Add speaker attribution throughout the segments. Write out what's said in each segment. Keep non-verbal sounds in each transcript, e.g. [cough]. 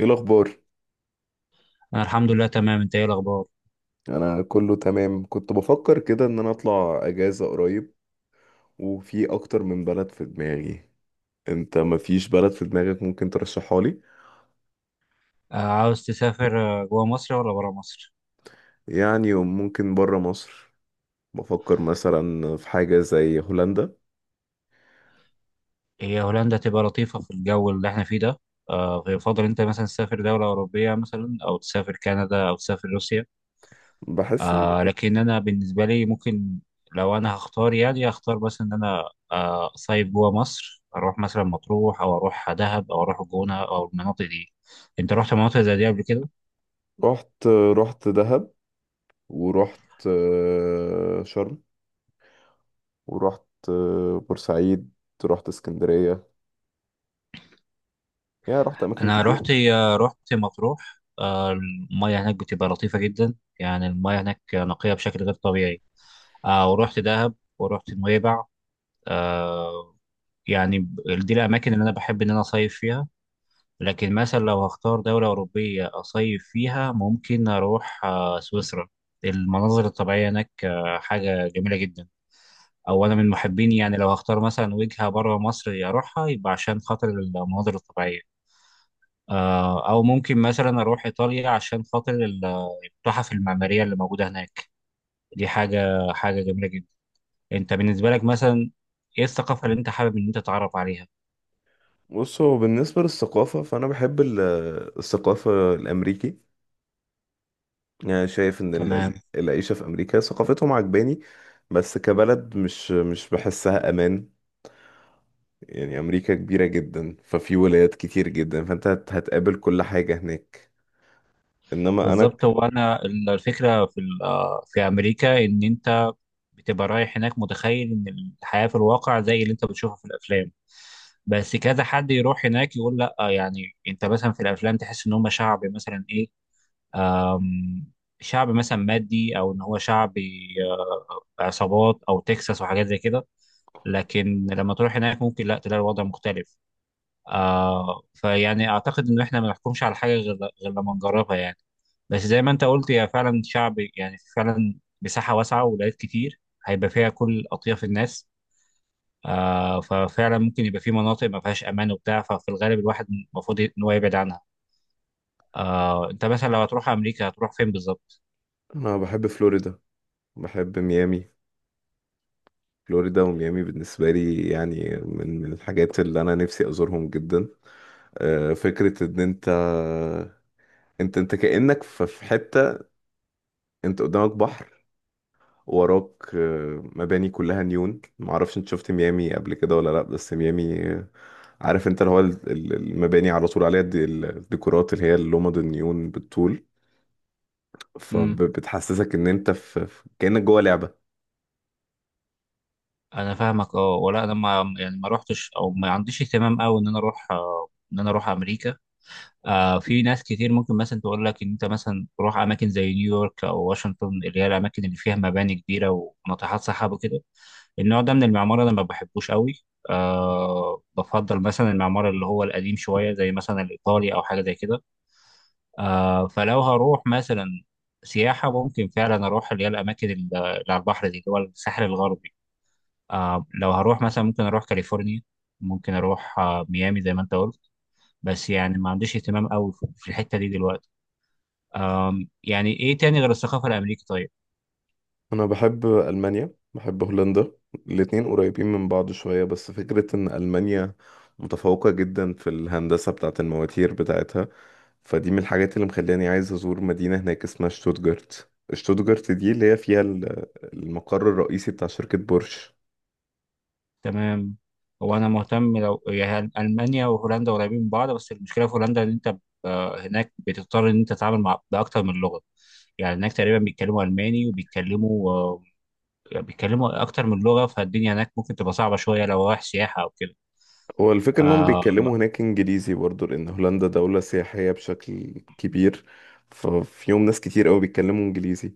Speaker 1: ايه الاخبار؟
Speaker 2: أنا الحمد لله تمام. أنت إيه الأخبار؟
Speaker 1: انا كله تمام، كنت بفكر كده ان انا اطلع اجازة قريب، وفي اكتر من بلد في دماغي. انت مفيش بلد في دماغك ممكن ترشحها لي؟
Speaker 2: عاوز تسافر، جوا مصر ولا برا مصر؟
Speaker 1: يعني ممكن برا مصر. بفكر مثلا في حاجة زي هولندا.
Speaker 2: هي هولندا تبقى لطيفة في الجو اللي إحنا فيه ده. فيفضل أنت مثلا تسافر دولة أوروبية، مثلا، أو تسافر كندا أو تسافر روسيا.
Speaker 1: بحس ان
Speaker 2: لكن أنا بالنسبة لي ممكن، لو أنا هختار يعني هختار بس إن أنا أصيف جوا مصر، أروح مثلا مطروح أو أروح دهب أو أروح الجونة أو المناطق دي. أنت رحت مناطق زي دي قبل كده؟
Speaker 1: رحت، رحت دهب، ورحت شرم، ورحت بورسعيد، رحت اسكندرية. يعني رحت اماكن
Speaker 2: انا
Speaker 1: كتير.
Speaker 2: رحت مطروح. المياه هناك بتبقى لطيفه جدا، يعني المياه هناك نقيه بشكل غير طبيعي. ورحت دهب ورحت نويبع. آه، يعني دي الاماكن اللي انا بحب ان انا اصيف فيها. لكن مثلا لو هختار دوله اوروبيه اصيف فيها ممكن اروح سويسرا. المناظر الطبيعيه هناك حاجه جميله جدا. او انا من محبين، يعني لو هختار مثلا وجهه بره مصر اروحها، يبقى عشان خاطر المناظر الطبيعيه. او ممكن مثلا اروح ايطاليا عشان خاطر التحف المعماريه اللي موجوده هناك. دي حاجه جميله جدا. انت بالنسبه لك مثلا، ايه الثقافه اللي انت حابب ان انت تتعرف عليها؟
Speaker 1: بصوا، بالنسبة للثقافة فانا بحب الثقافة الامريكي. يعني شايف ان
Speaker 2: تمام.
Speaker 1: العيشة في امريكا ثقافتهم عجباني. بس كبلد مش بحسها امان. يعني امريكا كبيرة جدا، ففي ولايات كتير جدا، فانت هتقابل كل حاجة هناك. انما انا
Speaker 2: بالظبط، هو انا الفكره في ال- آه، في امريكا ان انت بتبقى رايح هناك متخيل ان الحياه في الواقع زي اللي انت بتشوفها في الافلام. بس كذا حد يروح هناك يقول لا. يعني انت مثلا في الافلام تحس ان هم شعب مثلا ايه، شعب مثلا مادي، او ان هو شعب عصابات او تكساس وحاجات زي كده. لكن لما تروح هناك ممكن لا تلاقي الوضع مختلف. فيعني اعتقد ان احنا ما نحكمش على حاجه غير لما نجربها يعني. بس زي ما انت قلت، هي فعلا شعب، يعني فعلا مساحه واسعه وولايات كتير هيبقى فيها كل اطياف الناس. ففعلا ممكن يبقى في مناطق ما فيهاش امان وبتاع، ففي الغالب الواحد المفروض ان هو يبعد عنها. انت مثلا لو هتروح امريكا هتروح فين بالظبط؟
Speaker 1: انا بحب فلوريدا، بحب ميامي. فلوريدا وميامي بالنسبة لي يعني من الحاجات اللي انا نفسي ازورهم جدا. فكرة ان انت، انت كأنك في حتة، انت قدامك بحر، وراك مباني كلها نيون. معرفش انت شفت ميامي قبل كده ولا لا، بس ميامي عارف انت اللي هو المباني على طول عليها الديكورات اللي هي اللومد النيون بالطول، فبتحسسك ان انت في كأنك جوه لعبة.
Speaker 2: انا فاهمك. اه، ولا انا، ما يعني ما روحتش، او ما عنديش اهتمام قوي ان انا اروح، ان انا اروح امريكا. في ناس كتير ممكن مثلا تقول لك ان انت مثلا تروح اماكن زي نيويورك او واشنطن، اللي هي الاماكن اللي فيها مباني كبيره وناطحات سحاب وكده. النوع ده من المعمار انا ما بحبوش قوي. بفضل مثلا المعمار اللي هو القديم شويه، زي مثلا الايطالي او حاجه زي كده. فلو هروح مثلا سياحه، ممكن فعلا اروح اللي هي الاماكن اللي على البحر دي، اللي هو الساحل الغربي. لو هروح مثلا ممكن اروح كاليفورنيا، ممكن اروح ميامي زي ما انت قلت. بس يعني ما عنديش اهتمام قوي في الحتة دي دلوقتي. يعني ايه تاني غير الثقافة الامريكية طيب؟
Speaker 1: انا بحب المانيا، بحب هولندا. الاتنين قريبين من بعض شوية، بس فكرة ان المانيا متفوقة جدا في الهندسة بتاعت المواتير بتاعتها، فدي من الحاجات اللي مخلاني عايز أزور مدينة هناك اسمها شتوتجارت. شتوتجارت دي اللي هي فيها المقر الرئيسي بتاع شركة بورش.
Speaker 2: تمام. هو انا مهتم، لو يعني المانيا وهولندا قريبين من بعض، بس المشكلة في هولندا ان انت هناك بتضطر ان انت تتعامل مع باكتر من لغة. يعني هناك تقريبا بيتكلموا الماني وبيتكلموا بيتكلموا اكتر من لغة، فالدنيا هناك ممكن تبقى صعبة شوية لو رايح سياحة او كده.
Speaker 1: هو الفكرة إنهم
Speaker 2: آه،
Speaker 1: بيتكلموا هناك إنجليزي برضه، لأن هولندا دولة سياحية بشكل كبير، ففيهم ناس كتير أوي بيتكلموا إنجليزي.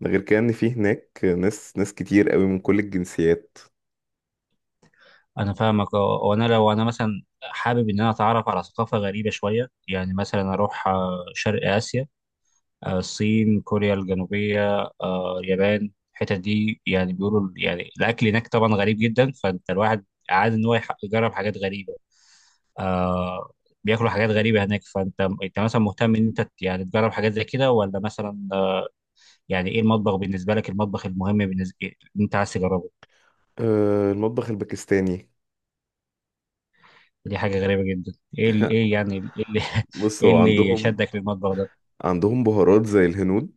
Speaker 1: ده غير كده، إن في هناك ناس كتير أوي من كل الجنسيات.
Speaker 2: انا فاهمك. اه، وانا لو انا مثلا حابب ان انا اتعرف على ثقافه غريبه شويه، يعني مثلا اروح شرق اسيا، الصين، كوريا الجنوبيه، اليابان، الحتت دي يعني بيقولوا يعني الاكل هناك طبعا غريب جدا، فانت الواحد عاد ان هو يجرب حاجات غريبه. آه، بياكلوا حاجات غريبه هناك. فانت مثلا مهتم ان انت يعني تجرب حاجات زي كده، ولا مثلا يعني ايه المطبخ بالنسبه لك، المطبخ المهم بالنسبه انت عايز تجربه؟
Speaker 1: المطبخ الباكستاني.
Speaker 2: دي حاجة غريبة جدا. ايه ايه يعني ايه اللي [laughs]
Speaker 1: بص،
Speaker 2: ايه
Speaker 1: هو
Speaker 2: اللي
Speaker 1: عندهم،
Speaker 2: شدك للمطبخ ده؟
Speaker 1: عندهم بهارات زي الهنود.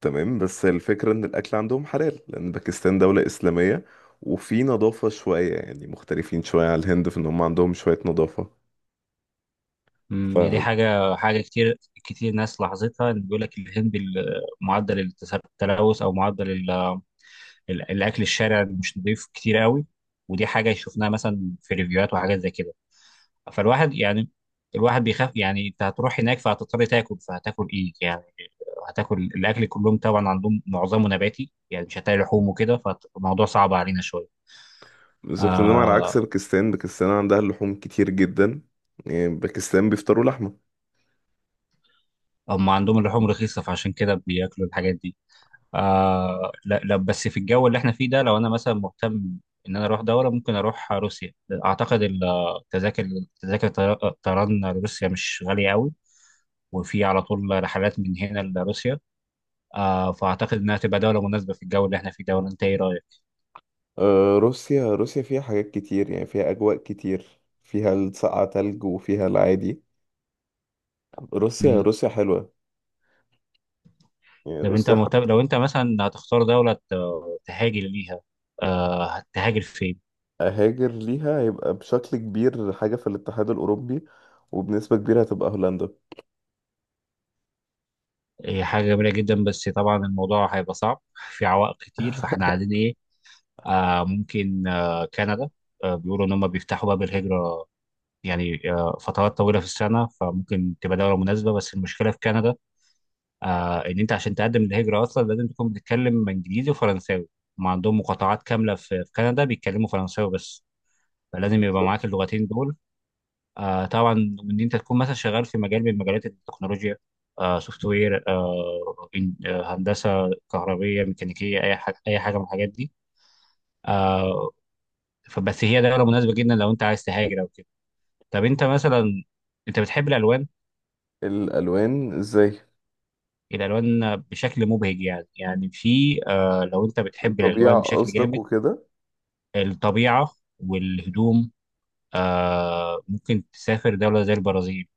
Speaker 1: تمام، بس الفكرة ان الاكل عندهم حلال لان باكستان دولة اسلامية، وفي نظافة شوية، يعني مختلفين شوية على الهند في ان هم عندهم شوية نظافة. ف
Speaker 2: يعني دي حاجة كتير كتير ناس لاحظتها، ان بيقول لك الهند معدل التلوث، او معدل الاكل الشارع مش نضيف كتير قوي. ودي حاجة شفناها مثلا في ريفيوهات وحاجات زي كده. فالواحد يعني الواحد بيخاف. يعني انت هتروح هناك فهتضطر تاكل، فهتاكل ايه يعني؟ هتاكل الاكل كلهم، طبعا عندهم معظمه نباتي، يعني مش هتلاقي لحوم وكده. فالموضوع صعب علينا شوية.
Speaker 1: بالظبط، انما على عكس
Speaker 2: آه،
Speaker 1: باكستان، باكستان عندها اللحوم كتير جدا. يعني باكستان بيفطروا لحمة.
Speaker 2: هم عندهم اللحوم رخيصة، فعشان كده بياكلوا الحاجات دي. لا، لا، بس في الجو اللي احنا فيه ده لو انا مثلا مهتم ان انا اروح دولة ممكن اروح روسيا. اعتقد التذاكر، تذاكر طيران لروسيا مش غالية قوي، وفي على طول رحلات من هنا لروسيا. فاعتقد انها تبقى دولة مناسبة في الجو اللي احنا فيه ده. ولا انت ايه رأيك؟
Speaker 1: روسيا، روسيا فيها حاجات كتير، يعني فيها اجواء كتير، فيها السقعة، تلج، وفيها العادي. روسيا،
Speaker 2: مم.
Speaker 1: روسيا حلوة. يعني
Speaker 2: طب انت
Speaker 1: روسيا حتى
Speaker 2: مهتم، لو انت مثلا هتختار دولة تهاجر ليها، هتهاجر فين؟
Speaker 1: اهاجر ليها، هيبقى بشكل كبير حاجة في الاتحاد الاوروبي، وبنسبة كبيرة هتبقى هولندا.
Speaker 2: هي حاجة جميلة جدا، بس طبعا الموضوع هيبقى صعب، في عوائق كتير. فاحنا عايزين ايه؟ ممكن كندا. بيقولوا ان هم بيفتحوا باب الهجرة يعني فترات طويلة في السنة، فممكن تبقى دولة مناسبة. بس المشكلة في كندا ان انت عشان تقدم للهجرة اصلا لازم تكون بتتكلم انجليزي وفرنساوي. ما عندهم مقاطعات كاملة في كندا بيتكلموا فرنساوي بس، فلازم يبقى معاك
Speaker 1: بالظبط.
Speaker 2: اللغتين دول. طبعا ان انت تكون مثلا شغال في مجال من مجالات التكنولوجيا، سوفت وير، هندسه كهربيه ميكانيكيه، اي حاجه، اي حاجه من الحاجات دي. آه فبس هي دوله مناسبه جدا لو انت عايز تهاجر او كده. طب انت مثلا، انت بتحب الالوان؟
Speaker 1: الألوان ازاي؟
Speaker 2: الالوان بشكل مبهج يعني في لو انت بتحب
Speaker 1: الطبيعة
Speaker 2: الالوان بشكل
Speaker 1: قصدك
Speaker 2: جامد.
Speaker 1: وكده؟
Speaker 2: الطبيعه والهدوم. ممكن تسافر دوله زي البرازيل.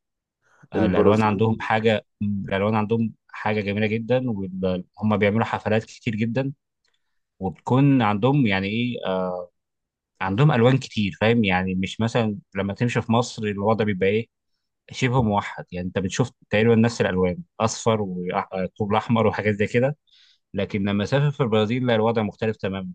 Speaker 1: البرازيل؟
Speaker 2: الالوان عندهم حاجه جميله جدا. وهم بيعملوا حفلات كتير جدا، وبتكون عندهم يعني ايه عندهم الوان كتير. فاهم يعني، مش مثلا لما تمشي في مصر الوضع بيبقى ايه، شبه موحد. يعني انت بتشوف تقريبا نفس الالوان، اصفر وطوب احمر وحاجات زي كده. لكن لما اسافر في البرازيل لا، الوضع مختلف تماما.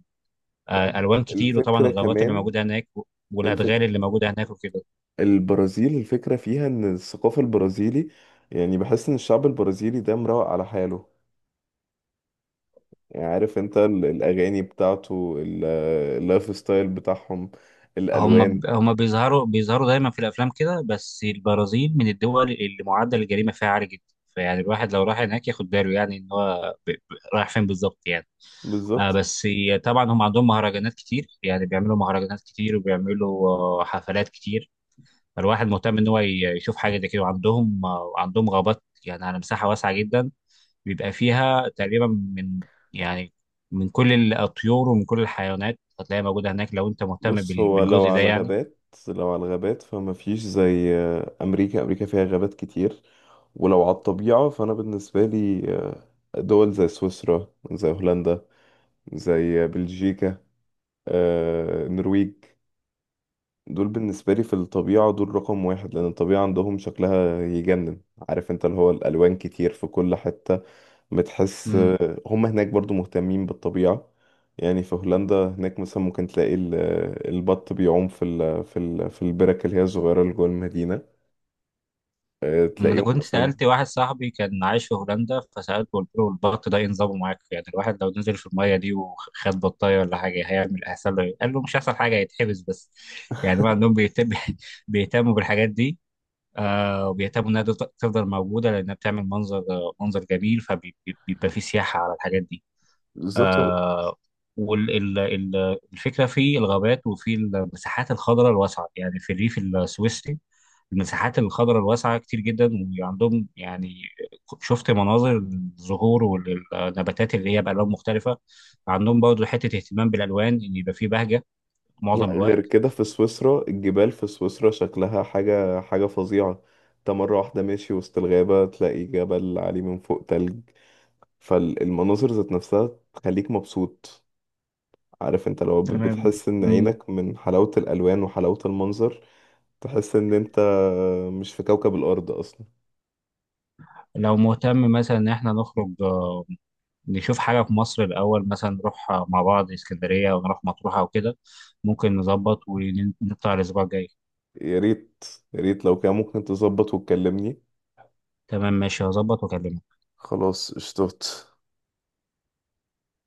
Speaker 1: لا هو
Speaker 2: الوان كتير وطبعا
Speaker 1: الفكرة
Speaker 2: الغابات اللي
Speaker 1: كمان،
Speaker 2: موجوده هناك والادغال
Speaker 1: الفكرة،
Speaker 2: اللي موجوده هناك وكده.
Speaker 1: البرازيل الفكرة فيها ان الثقافة البرازيلي، يعني بحس ان الشعب البرازيلي ده مروق على حاله. يعني عارف انت الأغاني بتاعته، اللايف ستايل بتاعهم،
Speaker 2: هم
Speaker 1: الألوان.
Speaker 2: ب- هم بيظهروا دايما في الافلام كده، بس البرازيل من الدول اللي معدل الجريمه فيها عالي جدا. فيعني الواحد لو راح هناك ياخد باله، يعني ان هو رايح فين بالظبط يعني.
Speaker 1: بالظبط.
Speaker 2: بس طبعا هم عندهم مهرجانات كتير، يعني بيعملوا مهرجانات كتير وبيعملوا حفلات كتير. فالواحد مهتم ان هو يشوف حاجه زي كده. وعندهم آه، عندهم غابات يعني على مساحه واسعه جدا، بيبقى فيها تقريبا من، يعني، من كل الطيور ومن كل الحيوانات، هتلاقيها موجوده هناك لو انت مهتم
Speaker 1: بص، هو لو
Speaker 2: بالجزء ده
Speaker 1: على
Speaker 2: يعني.
Speaker 1: الغابات، لو على الغابات فما فيش زي امريكا. امريكا فيها غابات كتير. ولو على الطبيعة فانا بالنسبة لي دول زي سويسرا، زي هولندا، زي بلجيكا، النرويج، دول بالنسبة لي في الطبيعة دول رقم 1، لأن الطبيعة عندهم شكلها يجنن. عارف انت اللي هو الألوان كتير في كل حتة، بتحس.
Speaker 2: امم
Speaker 1: هم هناك برضو مهتمين بالطبيعة. يعني في هولندا هناك مثلا ممكن تلاقي البط بيعوم في ال في ال في البرك اللي هي الصغيرة اللي جوه المدينة.
Speaker 2: ما انا
Speaker 1: تلاقيهم
Speaker 2: كنت
Speaker 1: مثلا.
Speaker 2: سالت واحد صاحبي كان عايش في هولندا، فسالته، قلت له البط ده إيه نظامه معاك؟ يعني الواحد لو نزل في الميه دي وخد بطايه ولا حاجه هيعمل، هيحصل له إيه؟ قال له مش هيحصل حاجه، هيتحبس بس. يعني هم عندهم بيهتم [laughs] بيهتموا بالحاجات دي. وبيهتموا انها تفضل موجوده، لانها بتعمل منظر جميل، فبيبقى في سياحه على الحاجات دي.
Speaker 1: بالظبط. هو
Speaker 2: آه والفكره في الغابات وفي المساحات الخضراء الواسعه، يعني في الريف السويسري المساحات الخضراء الواسعة كتير جدا. وعندهم، يعني، شفت مناظر الزهور والنباتات اللي هي بألوان مختلفة. عندهم برضه حتة اهتمام بالألوان إن يبقى فيه بهجة معظم
Speaker 1: غير
Speaker 2: الوقت.
Speaker 1: كده في سويسرا، الجبال في سويسرا شكلها حاجة فظيعة. انت مرة واحدة ماشي وسط الغابة، تلاقي جبل عليه من فوق تلج، فالمناظر ذات نفسها تخليك مبسوط. عارف انت لو
Speaker 2: تمام.
Speaker 1: بتحس ان
Speaker 2: مم.
Speaker 1: عينك من حلاوة الألوان وحلاوة المنظر، تحس ان انت مش في كوكب الأرض أصلا.
Speaker 2: لو مهتم مثلا إن إحنا نخرج نشوف حاجة في مصر الأول، مثلا نروح مع بعض اسكندرية أو نروح مطروح أو كده. ممكن نظبط ونطلع الأسبوع الجاي.
Speaker 1: يا ريت. يا ريت لو كان ممكن تظبط وتكلمني.
Speaker 2: تمام، ماشي، هظبط وأكلمك.
Speaker 1: خلاص اشتوت.